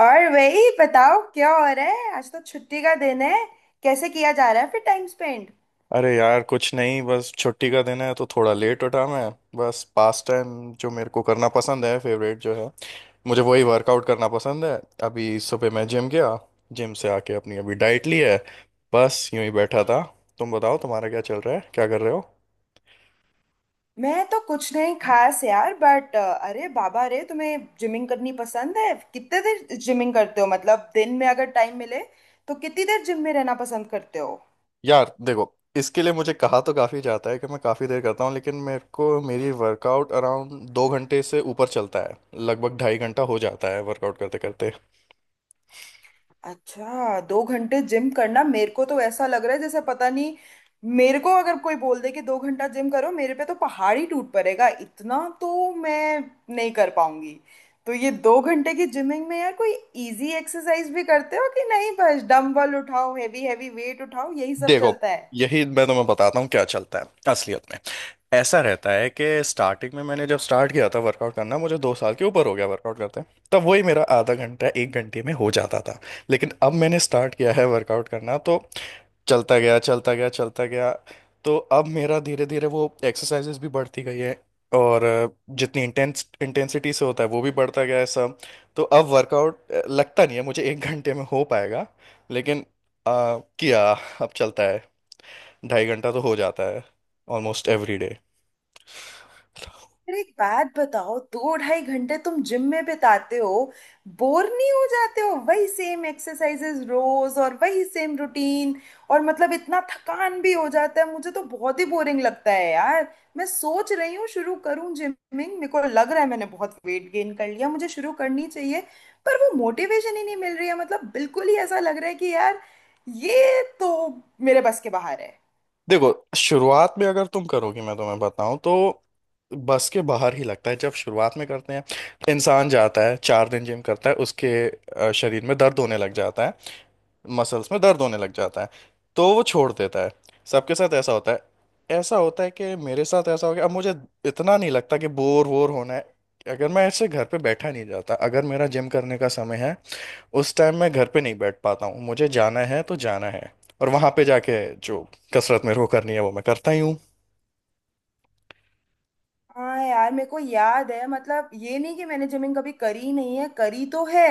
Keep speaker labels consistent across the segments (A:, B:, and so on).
A: और वही बताओ क्या हो रहा है। आज तो छुट्टी का दिन है, कैसे किया जा रहा है फिर टाइम स्पेंड।
B: अरे यार, कुछ नहीं। बस छुट्टी का दिन है तो थोड़ा लेट उठा मैं। बस पास टाइम जो मेरे को करना पसंद है, फेवरेट जो है मुझे, वही वर्कआउट करना पसंद है। अभी सुबह मैं जिम गया। जिम से आके अपनी अभी डाइट ली है। बस यूं ही बैठा था। तुम बताओ, तुम्हारा क्या चल रहा है, क्या कर रहे हो।
A: मैं तो कुछ नहीं खास यार। बट अरे बाबा रे, तुम्हें जिमिंग करनी पसंद है। कितने देर जिमिंग करते हो मतलब दिन में अगर टाइम मिले तो कितनी देर जिम में रहना पसंद करते हो।
B: यार देखो, इसके लिए मुझे कहा तो काफ़ी जाता है कि मैं काफ़ी देर करता हूँ, लेकिन मेरे को मेरी वर्कआउट अराउंड 2 घंटे से ऊपर चलता है। लगभग 2.5 घंटा हो जाता है वर्कआउट करते करते।
A: अच्छा, दो घंटे जिम करना, मेरे को तो ऐसा लग रहा है जैसे पता नहीं। मेरे को अगर कोई बोल दे कि दो घंटा जिम करो, मेरे पे तो पहाड़ ही टूट पड़ेगा। इतना तो मैं नहीं कर पाऊंगी। तो ये दो घंटे की जिमिंग में यार कोई इजी एक्सरसाइज भी करते हो कि नहीं, बस डंबल उठाओ हैवी हैवी वेट उठाओ यही सब
B: देखो,
A: चलता है।
B: यही मैं तुम्हें बताता हूँ क्या चलता है असलियत में। ऐसा रहता है कि स्टार्टिंग में, मैंने जब स्टार्ट किया था वर्कआउट करना, मुझे 2 साल के ऊपर हो गया वर्कआउट करते हैं। तब वही मेरा आधा घंटा एक घंटे में हो जाता था। लेकिन अब मैंने स्टार्ट किया है वर्कआउट करना तो चलता गया, चलता गया, चलता गया। तो अब मेरा धीरे धीरे वो एक्सरसाइजेस भी बढ़ती गई है। और जितनी इंटेंस इंटेंसिटी से होता है वो भी बढ़ता गया है सब। तो अब वर्कआउट लगता नहीं है मुझे एक घंटे में हो पाएगा। लेकिन किया। अब चलता है। 2.5 घंटा तो हो जाता है, ऑलमोस्ट एवरी डे।
A: अरे एक बात बताओ, दो ढाई घंटे तुम जिम में बिताते हो, बोर नहीं हो जाते हो वही सेम एक्सरसाइजेज रोज और वही सेम रूटीन। और मतलब इतना थकान भी हो जाता है, मुझे तो बहुत ही बोरिंग लगता है यार। मैं सोच रही हूँ शुरू करूँ जिमिंग, मेरे को लग रहा है मैंने बहुत वेट गेन कर लिया, मुझे शुरू करनी चाहिए। पर वो मोटिवेशन ही नहीं मिल रही है। मतलब बिल्कुल ही ऐसा लग रहा है कि यार ये तो मेरे बस के बाहर है।
B: देखो, शुरुआत में अगर तुम करोगे, मैं तुम्हें बताऊं तो बस के बाहर ही लगता है जब शुरुआत में करते हैं। इंसान जाता है, 4 दिन जिम करता है, उसके शरीर में दर्द होने लग जाता है। मसल्स में दर्द होने लग जाता है। तो वो छोड़ देता है। सबके साथ ऐसा होता है। ऐसा होता है कि मेरे साथ ऐसा हो गया। अब मुझे इतना नहीं लगता कि बोर वोर होना है। अगर मैं ऐसे घर पे बैठा नहीं जाता, अगर मेरा जिम करने का समय है, उस टाइम मैं घर पे नहीं बैठ पाता हूँ। मुझे जाना है तो जाना है। और वहां पे जाके जो कसरत मेरे को करनी है वो मैं करता ही हूँ।
A: हाँ यार, मेरे को याद है। मतलब ये नहीं कि मैंने जिमिंग कभी करी नहीं है, करी तो है।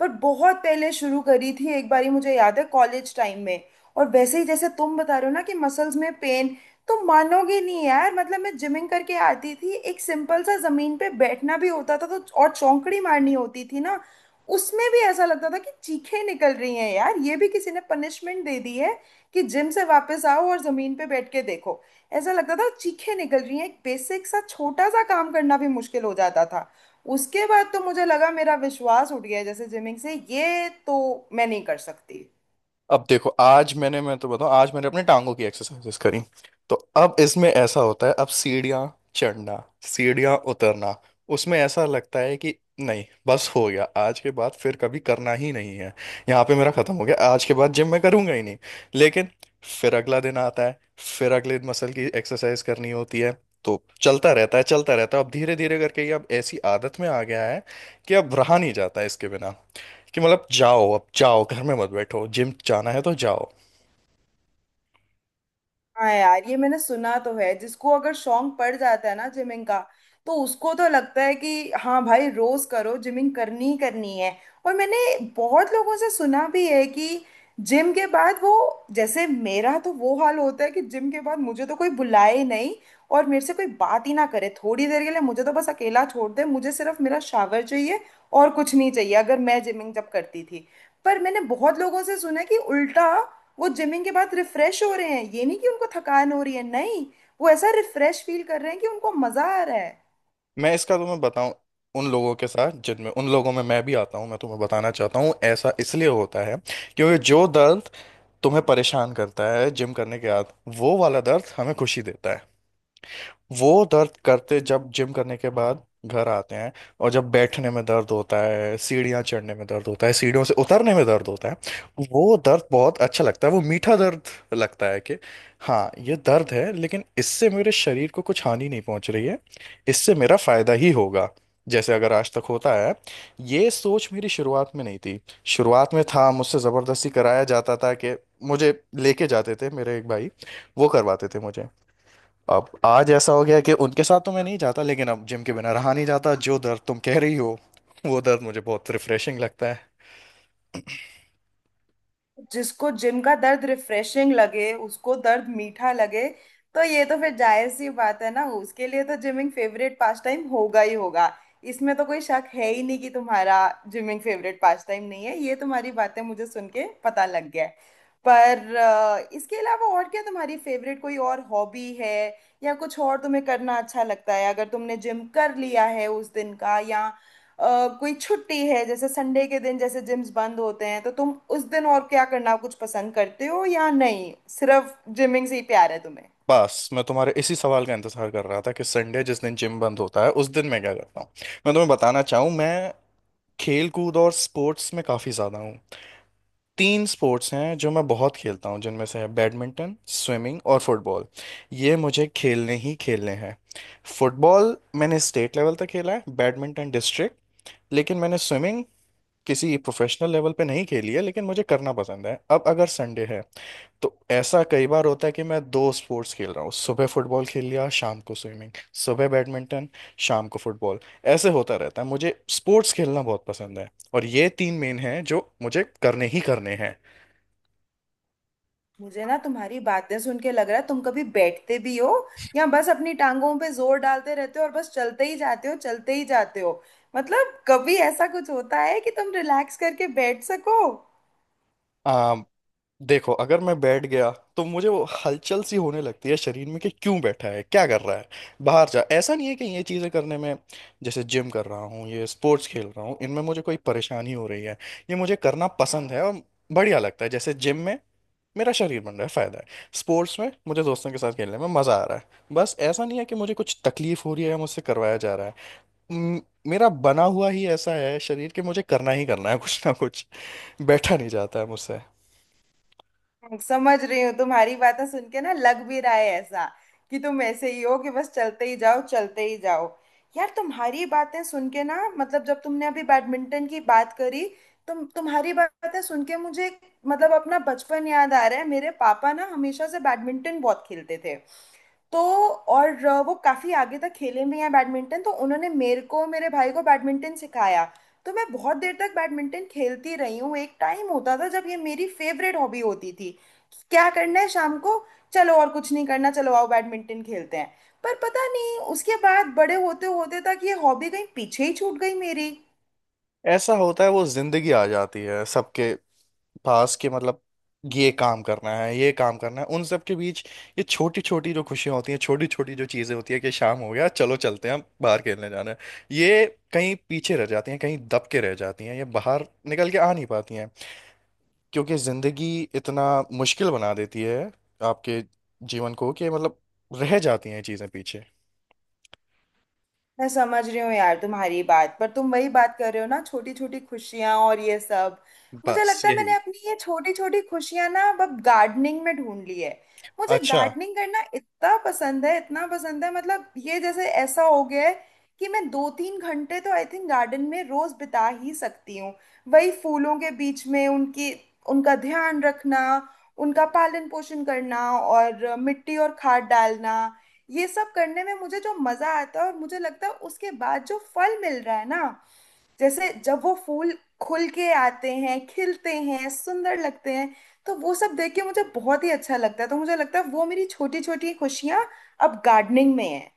A: पर बहुत पहले शुरू करी थी एक बारी, मुझे याद है कॉलेज टाइम में। और वैसे ही जैसे तुम बता रहे हो ना कि मसल्स में पेन, तो मानोगे नहीं यार। मतलब मैं जिमिंग करके आती थी, एक सिंपल सा जमीन पे बैठना भी होता था तो और चौंकड़ी मारनी होती थी ना, उसमें भी ऐसा लगता था कि चीखें निकल रही हैं यार। ये भी किसी ने पनिशमेंट दे दी है कि जिम से वापस आओ और जमीन पे बैठ के देखो। ऐसा लगता था चीखें निकल रही हैं, एक बेसिक सा छोटा सा काम करना भी मुश्किल हो जाता था। उसके बाद तो मुझे लगा मेरा विश्वास उठ गया है जैसे जिमिंग से, ये तो मैं नहीं कर सकती।
B: अब देखो, आज मैंने, मैं तो बताऊं, आज मैंने अपने टांगों की एक्सरसाइजेस करी। तो अब इसमें ऐसा होता है, अब सीढ़ियाँ चढ़ना, सीढ़ियाँ उतरना, उसमें ऐसा लगता है कि नहीं, बस हो गया, आज के बाद फिर कभी करना ही नहीं है। यहाँ पे मेरा खत्म हो गया, आज के बाद जिम मैं करूंगा ही नहीं। लेकिन फिर अगला दिन आता है, फिर अगले मसल की एक्सरसाइज करनी होती है। तो चलता रहता है, चलता रहता है। अब धीरे धीरे करके ये अब ऐसी आदत में आ गया है कि अब रहा नहीं जाता इसके बिना। कि मतलब, जाओ अब, जाओ, घर में मत बैठो, जिम जाना है तो जाओ।
A: हाँ यार, ये मैंने सुना तो है, जिसको अगर शौक पड़ जाता है ना जिमिंग का तो उसको तो लगता है कि हाँ भाई रोज करो, जिमिंग करनी ही करनी है। और मैंने बहुत लोगों से सुना भी है कि जिम के बाद वो, जैसे मेरा तो वो हाल होता है कि जिम के बाद मुझे तो कोई बुलाए नहीं और मेरे से कोई बात ही ना करे। थोड़ी देर के लिए मुझे तो बस अकेला छोड़ दे, मुझे सिर्फ मेरा शावर चाहिए और कुछ नहीं चाहिए, अगर मैं जिमिंग जब करती थी। पर मैंने बहुत लोगों से सुना है कि उल्टा, वो जिमिंग के बाद रिफ्रेश हो रहे हैं। ये नहीं कि उनको थकान हो रही है, नहीं, वो ऐसा रिफ्रेश फील कर रहे हैं कि उनको मजा आ रहा है।
B: मैं इसका तुम्हें बताऊं, उन लोगों के साथ, जिनमें उन लोगों में मैं भी आता हूं, मैं तुम्हें बताना चाहता हूं ऐसा इसलिए होता है क्योंकि जो दर्द तुम्हें परेशान करता है जिम करने के बाद, वो वाला दर्द हमें खुशी देता है। वो दर्द करते जब जिम करने के बाद घर आते हैं, और जब बैठने में दर्द होता है, सीढ़ियाँ चढ़ने में दर्द होता है, सीढ़ियों से उतरने में दर्द होता है, वो दर्द बहुत अच्छा लगता है, वो मीठा दर्द। लगता है कि हाँ, ये दर्द है, लेकिन इससे मेरे शरीर को कुछ हानि नहीं पहुंच रही है। इससे मेरा फायदा ही होगा, जैसे अगर आज तक होता है। ये सोच मेरी शुरुआत में नहीं थी। शुरुआत में था, मुझसे ज़बरदस्ती कराया जाता था कि मुझे लेके जाते थे मेरे एक भाई, वो करवाते थे मुझे। अब आज ऐसा हो गया कि उनके साथ तो मैं नहीं जाता, लेकिन अब जिम के बिना रहा नहीं जाता। जो दर्द तुम कह रही हो, वो दर्द मुझे बहुत रिफ्रेशिंग लगता है।
A: जिसको जिम का दर्द रिफ्रेशिंग लगे, उसको दर्द मीठा लगे, तो ये तो फिर जायज सी बात है ना। उसके लिए तो जिमिंग फेवरेट पास टाइम होगा ही होगा। इसमें तो कोई शक है ही नहीं कि तुम्हारा जिमिंग फेवरेट पास टाइम नहीं है, ये तुम्हारी बातें मुझे सुन के पता लग गया है। पर इसके अलावा और क्या तुम्हारी फेवरेट कोई और हॉबी है, या कुछ और तुम्हें करना अच्छा लगता है अगर तुमने जिम कर लिया है उस दिन का। या कोई छुट्टी है जैसे संडे के दिन जैसे जिम्स बंद होते हैं, तो तुम उस दिन और क्या करना कुछ पसंद करते हो या नहीं। सिर्फ जिमिंग से ही प्यार है तुम्हें।
B: बस मैं तुम्हारे इसी सवाल का इंतजार कर रहा था कि संडे, जिस दिन जिम बंद होता है, उस दिन मैं क्या करता हूँ। मैं तुम्हें बताना चाहूँ, मैं खेल कूद और स्पोर्ट्स में काफ़ी ज़्यादा हूँ। 3 स्पोर्ट्स हैं जो मैं बहुत खेलता हूँ, जिनमें से है बैडमिंटन, स्विमिंग और फुटबॉल। ये मुझे खेलने ही खेलने हैं। फुटबॉल मैंने स्टेट लेवल तक खेला है, बैडमिंटन डिस्ट्रिक्ट। लेकिन मैंने स्विमिंग किसी प्रोफेशनल लेवल पे नहीं खेली है, लेकिन मुझे करना पसंद है। अब अगर संडे है तो ऐसा कई बार होता है कि मैं 2 स्पोर्ट्स खेल रहा हूँ। सुबह फुटबॉल खेल लिया, शाम को स्विमिंग। सुबह बैडमिंटन, शाम को फुटबॉल। ऐसे होता रहता है। मुझे स्पोर्ट्स खेलना बहुत पसंद है। और ये 3 मेन हैं जो मुझे करने ही करने
A: मुझे ना तुम्हारी बातें सुन के लग रहा है, तुम कभी बैठते भी हो या बस अपनी टांगों पे जोर डालते रहते हो और बस चलते ही जाते हो चलते ही जाते हो। मतलब कभी ऐसा कुछ होता है कि तुम रिलैक्स करके बैठ सको।
B: हैं। देखो, अगर मैं बैठ गया तो मुझे वो हलचल सी होने लगती है शरीर में कि क्यों बैठा है, क्या कर रहा है, बाहर जा। ऐसा नहीं है कि ये चीज़ें करने में, जैसे जिम कर रहा हूँ, ये स्पोर्ट्स खेल रहा हूँ, इनमें मुझे कोई परेशानी हो रही है। ये मुझे करना पसंद है और बढ़िया लगता है। जैसे जिम में मेरा शरीर बन रहा है, फायदा है। स्पोर्ट्स में मुझे दोस्तों के साथ खेलने में मजा आ रहा है। बस ऐसा नहीं है कि मुझे कुछ तकलीफ हो रही है या मुझसे करवाया जा रहा है। म- मेरा बना हुआ ही ऐसा है शरीर कि मुझे करना ही करना है कुछ ना कुछ। बैठा नहीं जाता है मुझसे।
A: समझ रही हूँ तुम्हारी बातें सुन के ना, लग भी रहा है ऐसा कि तुम ऐसे ही हो कि बस चलते ही जाओ चलते ही जाओ। यार तुम्हारी बातें सुन के ना, मतलब जब तुमने अभी बैडमिंटन की बात करी, तुम्हारी बातें सुन के मुझे मतलब अपना बचपन याद आ रहा है। मेरे पापा ना हमेशा से बैडमिंटन बहुत खेलते थे। तो और वो काफी आगे तक खेले भी हैं बैडमिंटन, तो उन्होंने मेरे को मेरे भाई को बैडमिंटन सिखाया। तो मैं बहुत देर तक बैडमिंटन खेलती रही हूँ। एक टाइम होता था जब ये मेरी फेवरेट हॉबी होती थी। क्या करना है शाम को, चलो और कुछ नहीं करना, चलो आओ बैडमिंटन खेलते हैं। पर पता नहीं उसके बाद बड़े होते होते तक ये हॉबी कहीं पीछे ही छूट गई मेरी।
B: ऐसा होता है, वो जिंदगी आ जाती है सबके पास। कि मतलब, ये काम करना है, ये काम करना है, उन सब के बीच ये छोटी छोटी जो खुशियां होती हैं, छोटी छोटी जो चीजें होती है कि शाम हो गया, चलो चलते हैं, हम बाहर खेलने जाना है, ये कहीं पीछे रह जाती हैं, कहीं दब के रह जाती हैं, ये बाहर निकल के आ नहीं पाती हैं। क्योंकि जिंदगी इतना मुश्किल बना देती है आपके जीवन को कि मतलब रह जाती हैं ये चीजें पीछे।
A: मैं समझ रही हूँ यार तुम्हारी बात। पर तुम वही बात कर रहे हो ना, छोटी छोटी खुशियां और ये सब। मुझे
B: बस
A: लगता है मैंने
B: यही।
A: अपनी ये छोटी छोटी खुशियां ना अब गार्डनिंग में ढूंढ ली है। मुझे
B: अच्छा,
A: गार्डनिंग करना इतना पसंद है, इतना पसंद है, मतलब ये जैसे ऐसा हो गया है कि मैं दो तीन घंटे तो आई थिंक गार्डन में रोज बिता ही सकती हूँ। वही फूलों के बीच में उनकी उनका ध्यान रखना, उनका पालन पोषण करना और मिट्टी और खाद डालना, ये सब करने में मुझे जो मजा आता है, और मुझे लगता है उसके बाद जो फल मिल रहा है ना, जैसे जब वो फूल खुल के आते हैं, खिलते हैं, सुंदर लगते हैं, तो वो सब देख के मुझे बहुत ही अच्छा लगता है। तो मुझे लगता है वो मेरी छोटी छोटी खुशियां अब गार्डनिंग में है।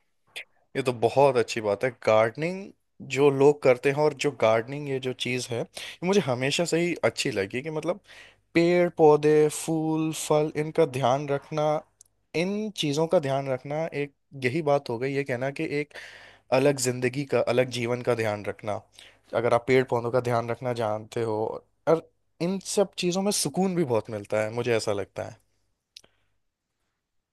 B: ये तो बहुत अच्छी बात है गार्डनिंग। जो लोग करते हैं, और जो गार्डनिंग, ये जो चीज़ है, ये मुझे हमेशा से ही अच्छी लगी। कि मतलब, पेड़ पौधे फूल फल, इनका ध्यान रखना, इन चीज़ों का ध्यान रखना एक, यही बात हो गई ये कहना कि एक अलग जिंदगी का, अलग जीवन का ध्यान रखना, अगर आप पेड़ पौधों का ध्यान रखना जानते हो। और इन सब चीज़ों में सुकून भी बहुत मिलता है, मुझे ऐसा लगता है।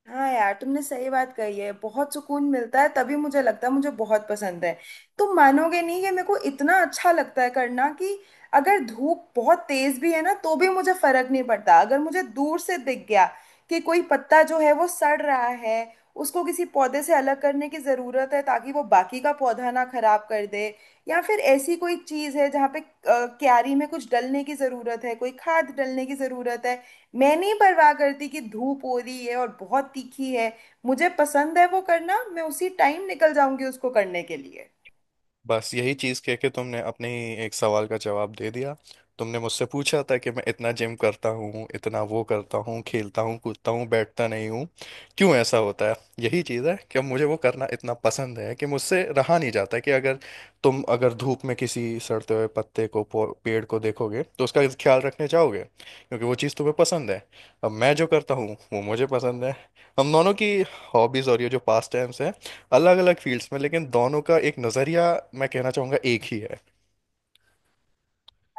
A: हाँ यार तुमने सही बात कही है, बहुत सुकून मिलता है, तभी मुझे लगता है मुझे बहुत पसंद है। तुम मानोगे नहीं कि मेरे को इतना अच्छा लगता है करना कि अगर धूप बहुत तेज भी है ना तो भी मुझे फर्क नहीं पड़ता। अगर मुझे दूर से दिख गया कि कोई पत्ता जो है वो सड़ रहा है, उसको किसी पौधे से अलग करने की ज़रूरत है ताकि वो बाकी का पौधा ना खराब कर दे। या फिर ऐसी कोई चीज़ है जहाँ पे क्यारी में कुछ डलने की ज़रूरत है, कोई खाद डलने की ज़रूरत है, मैं नहीं परवाह करती कि धूप हो रही है और बहुत तीखी है। मुझे पसंद है वो करना, मैं उसी टाइम निकल जाऊंगी उसको करने के लिए।
B: बस यही चीज़ कह के तुमने अपने ही एक सवाल का जवाब दे दिया। तुमने मुझसे पूछा था कि मैं इतना जिम करता हूँ, इतना वो करता हूँ, खेलता हूँ, कूदता हूँ, बैठता नहीं हूँ, क्यों ऐसा होता है। यही चीज़ है कि मुझे वो करना इतना पसंद है कि मुझसे रहा नहीं जाता। कि अगर तुम, अगर धूप में किसी सड़ते हुए पत्ते को, पेड़ को देखोगे तो उसका ख्याल रखने जाओगे, क्योंकि वो चीज़ तुम्हें पसंद है। अब मैं जो करता हूँ वो मुझे पसंद है। हम दोनों की हॉबीज़ और ये जो पास टाइम्स है, अलग अलग फील्ड्स में, लेकिन दोनों का एक नजरिया, मैं कहना चाहूंगा, एक ही है।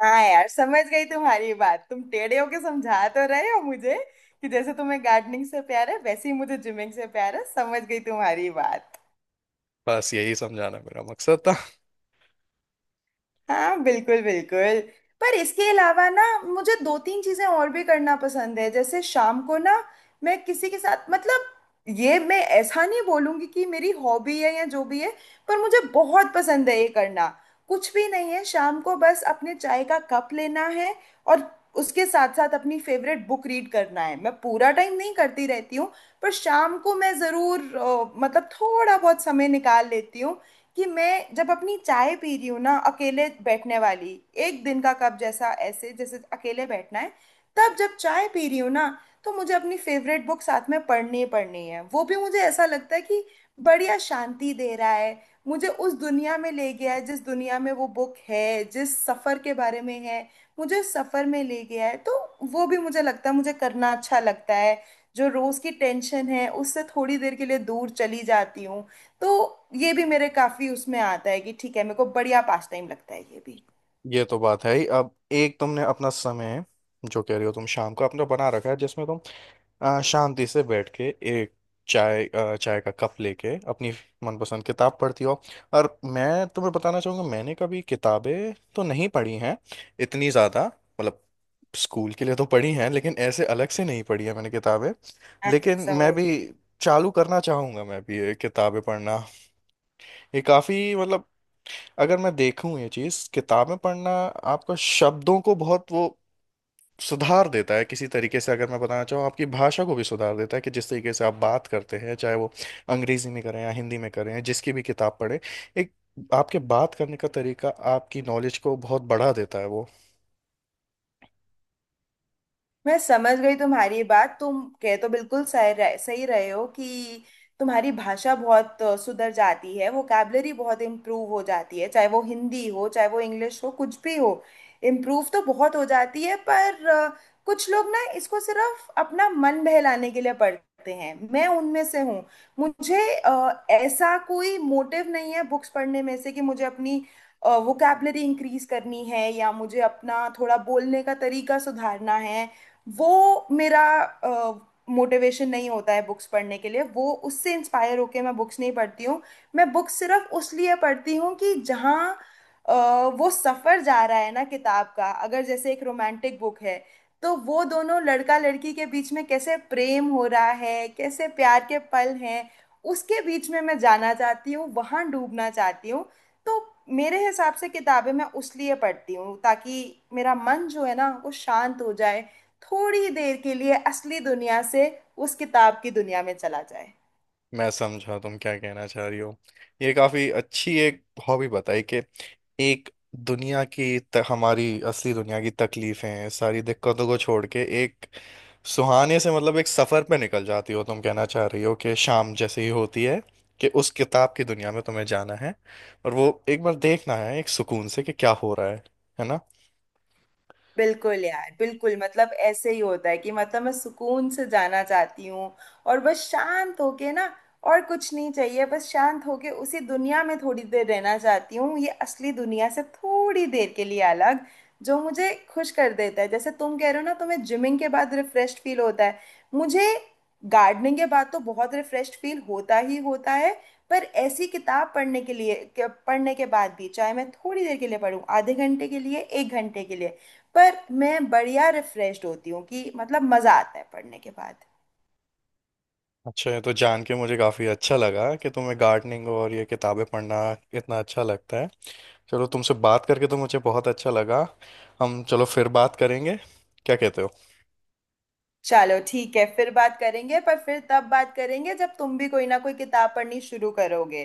A: हाँ यार समझ गई तुम्हारी बात, तुम टेढ़े होके समझा तो रहे हो मुझे कि जैसे तुम्हें गार्डनिंग से प्यार है वैसे ही मुझे जिमिंग से प्यार है। समझ गई तुम्हारी बात।
B: बस यही समझाना मेरा मकसद था।
A: हाँ, बिल्कुल बिल्कुल। पर इसके अलावा ना, मुझे दो तीन चीजें और भी करना पसंद है। जैसे शाम को ना, मैं किसी के साथ मतलब, ये मैं ऐसा नहीं बोलूंगी कि मेरी हॉबी है या जो भी है, पर मुझे बहुत पसंद है ये करना। कुछ भी नहीं है, शाम को बस अपने चाय का कप लेना है और उसके साथ साथ अपनी फेवरेट बुक रीड करना है। मैं पूरा टाइम नहीं करती रहती हूँ पर शाम को मैं जरूर मतलब थोड़ा बहुत समय निकाल लेती हूँ कि मैं जब अपनी चाय पी रही हूँ ना अकेले बैठने वाली एक दिन का कप जैसा, ऐसे जैसे अकेले बैठना है, तब जब चाय पी रही हूँ ना, तो मुझे अपनी फेवरेट बुक साथ में पढ़नी ही पढ़नी है। वो भी मुझे ऐसा लगता है कि बढ़िया शांति दे रहा है, मुझे उस दुनिया में ले गया है जिस दुनिया में वो बुक है, जिस सफ़र के बारे में है मुझे उस सफ़र में ले गया है। तो वो भी मुझे लगता है मुझे करना अच्छा लगता है। जो रोज़ की टेंशन है उससे थोड़ी देर के लिए दूर चली जाती हूँ। तो ये भी मेरे काफी उसमें आता है कि ठीक है, मेरे को बढ़िया पास टाइम लगता है ये भी।
B: ये तो बात है ही। अब एक, तुमने अपना समय, जो कह रही हो तुम, शाम को अपना बना रखा है, जिसमें तुम शांति से बैठ के एक चाय, चाय का कप लेके अपनी मनपसंद किताब पढ़ती हो। और मैं तुम्हें बताना चाहूँगा, मैंने कभी किताबें तो नहीं पढ़ी हैं इतनी ज़्यादा। मतलब स्कूल के लिए तो पढ़ी हैं, लेकिन ऐसे अलग से नहीं पढ़ी है मैंने किताबें।
A: हाँ,
B: लेकिन मैं
A: समझ
B: भी
A: गई।
B: चालू करना चाहूँगा, मैं भी ये किताबें पढ़ना। ये काफ़ी, मतलब अगर मैं देखूँ ये चीज़ किताबें पढ़ना, आपको शब्दों को बहुत वो सुधार देता है किसी तरीके से। अगर मैं बताना चाहूँ, आपकी भाषा को भी सुधार देता है, कि जिस तरीके से आप बात करते हैं, चाहे वो अंग्रेजी में करें या हिंदी में करें, जिसकी भी किताब पढ़ें, एक आपके बात करने का तरीका, आपकी नॉलेज को बहुत बढ़ा देता है वो।
A: मैं समझ गई तुम्हारी बात, तुम कह तो बिल्कुल सही रहे हो कि तुम्हारी भाषा बहुत सुधर जाती है, वोकैबलरी बहुत इम्प्रूव हो जाती है, चाहे वो हिंदी हो चाहे वो इंग्लिश हो कुछ भी हो, इम्प्रूव तो बहुत हो जाती है। पर कुछ लोग ना इसको सिर्फ अपना मन बहलाने के लिए पढ़ते हैं, मैं उनमें से हूँ। मुझे ऐसा कोई मोटिव नहीं है बुक्स पढ़ने में से कि मुझे अपनी वोकैबलरी इंक्रीज करनी है या मुझे अपना थोड़ा बोलने का तरीका सुधारना है। वो मेरा मोटिवेशन नहीं होता है बुक्स पढ़ने के लिए, वो उससे इंस्पायर होके मैं बुक्स नहीं पढ़ती हूँ। मैं बुक्स सिर्फ उस लिए पढ़ती हूँ कि जहाँ अ, वो सफ़र जा रहा है ना किताब का, अगर जैसे एक रोमांटिक बुक है तो वो दोनों लड़का लड़की के बीच में कैसे प्रेम हो रहा है, कैसे प्यार के पल हैं, उसके बीच में मैं जाना चाहती हूँ, वहाँ डूबना चाहती हूँ। तो मेरे हिसाब से किताबें मैं उस लिए पढ़ती हूँ ताकि मेरा मन जो है ना वो शांत हो जाए, थोड़ी देर के लिए असली दुनिया से उस किताब की दुनिया में चला जाए।
B: मैं समझा तुम क्या कहना चाह रही हो। ये काफी अच्छी एक हॉबी बताई कि एक दुनिया की हमारी असली दुनिया की तकलीफें, सारी दिक्कतों को छोड़ के एक सुहाने से, मतलब एक सफर पे निकल जाती हो। तुम कहना चाह रही हो कि शाम जैसे ही होती है कि उस किताब की दुनिया में तुम्हें जाना है, और वो एक बार देखना है एक सुकून से कि क्या हो रहा है ना।
A: बिल्कुल यार बिल्कुल, मतलब ऐसे ही होता है कि मतलब मैं सुकून से जाना चाहती हूँ और बस शांत होके ना, और कुछ नहीं चाहिए, बस शांत होके उसी दुनिया में थोड़ी देर रहना चाहती हूँ, ये असली दुनिया से थोड़ी देर के लिए अलग जो मुझे खुश कर देता है। जैसे तुम कह रहे हो ना तुम्हें जिमिंग के बाद रिफ्रेश फील होता है, मुझे गार्डनिंग के बाद तो बहुत रिफ्रेश फील होता ही होता है, पर ऐसी किताब पढ़ने पढ़ने के बाद भी, चाहे मैं थोड़ी देर के लिए पढूं, आधे घंटे के लिए एक घंटे के लिए, पर मैं बढ़िया रिफ्रेश्ड होती हूँ कि मतलब मजा आता है पढ़ने के बाद।
B: अच्छा, ये तो जान के मुझे काफी अच्छा लगा कि तुम्हें गार्डनिंग और ये किताबें पढ़ना इतना अच्छा लगता है। चलो, तुमसे बात करके तो मुझे बहुत अच्छा लगा। हम, चलो फिर बात करेंगे, क्या कहते हो।
A: चलो ठीक है फिर बात करेंगे, पर फिर तब बात करेंगे जब तुम भी कोई ना कोई किताब पढ़नी शुरू करोगे।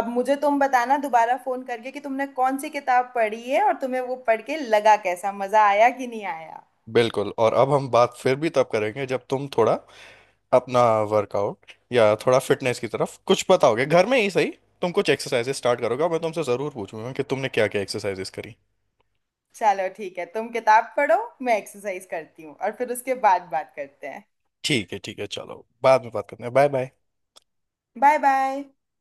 A: अब मुझे तुम बताना दोबारा फोन करके कि तुमने कौन सी किताब पढ़ी है और तुम्हें वो पढ़ के लगा कैसा, मजा आया कि नहीं आया।
B: बिल्कुल। और अब हम बात फिर भी तब करेंगे जब तुम थोड़ा अपना वर्कआउट या थोड़ा फिटनेस की तरफ कुछ बताओगे, घर में ही सही। तुम कुछ एक्सरसाइजेस स्टार्ट करोगे और मैं तुमसे ज़रूर पूछूंगा कि तुमने क्या क्या एक्सरसाइजेस करी।
A: चलो ठीक है, तुम किताब पढ़ो, मैं एक्सरसाइज करती हूँ और फिर उसके बाद बात करते हैं।
B: ठीक है, ठीक है, चलो बाद में बात करते हैं, बाय बाय।
A: Bye bye.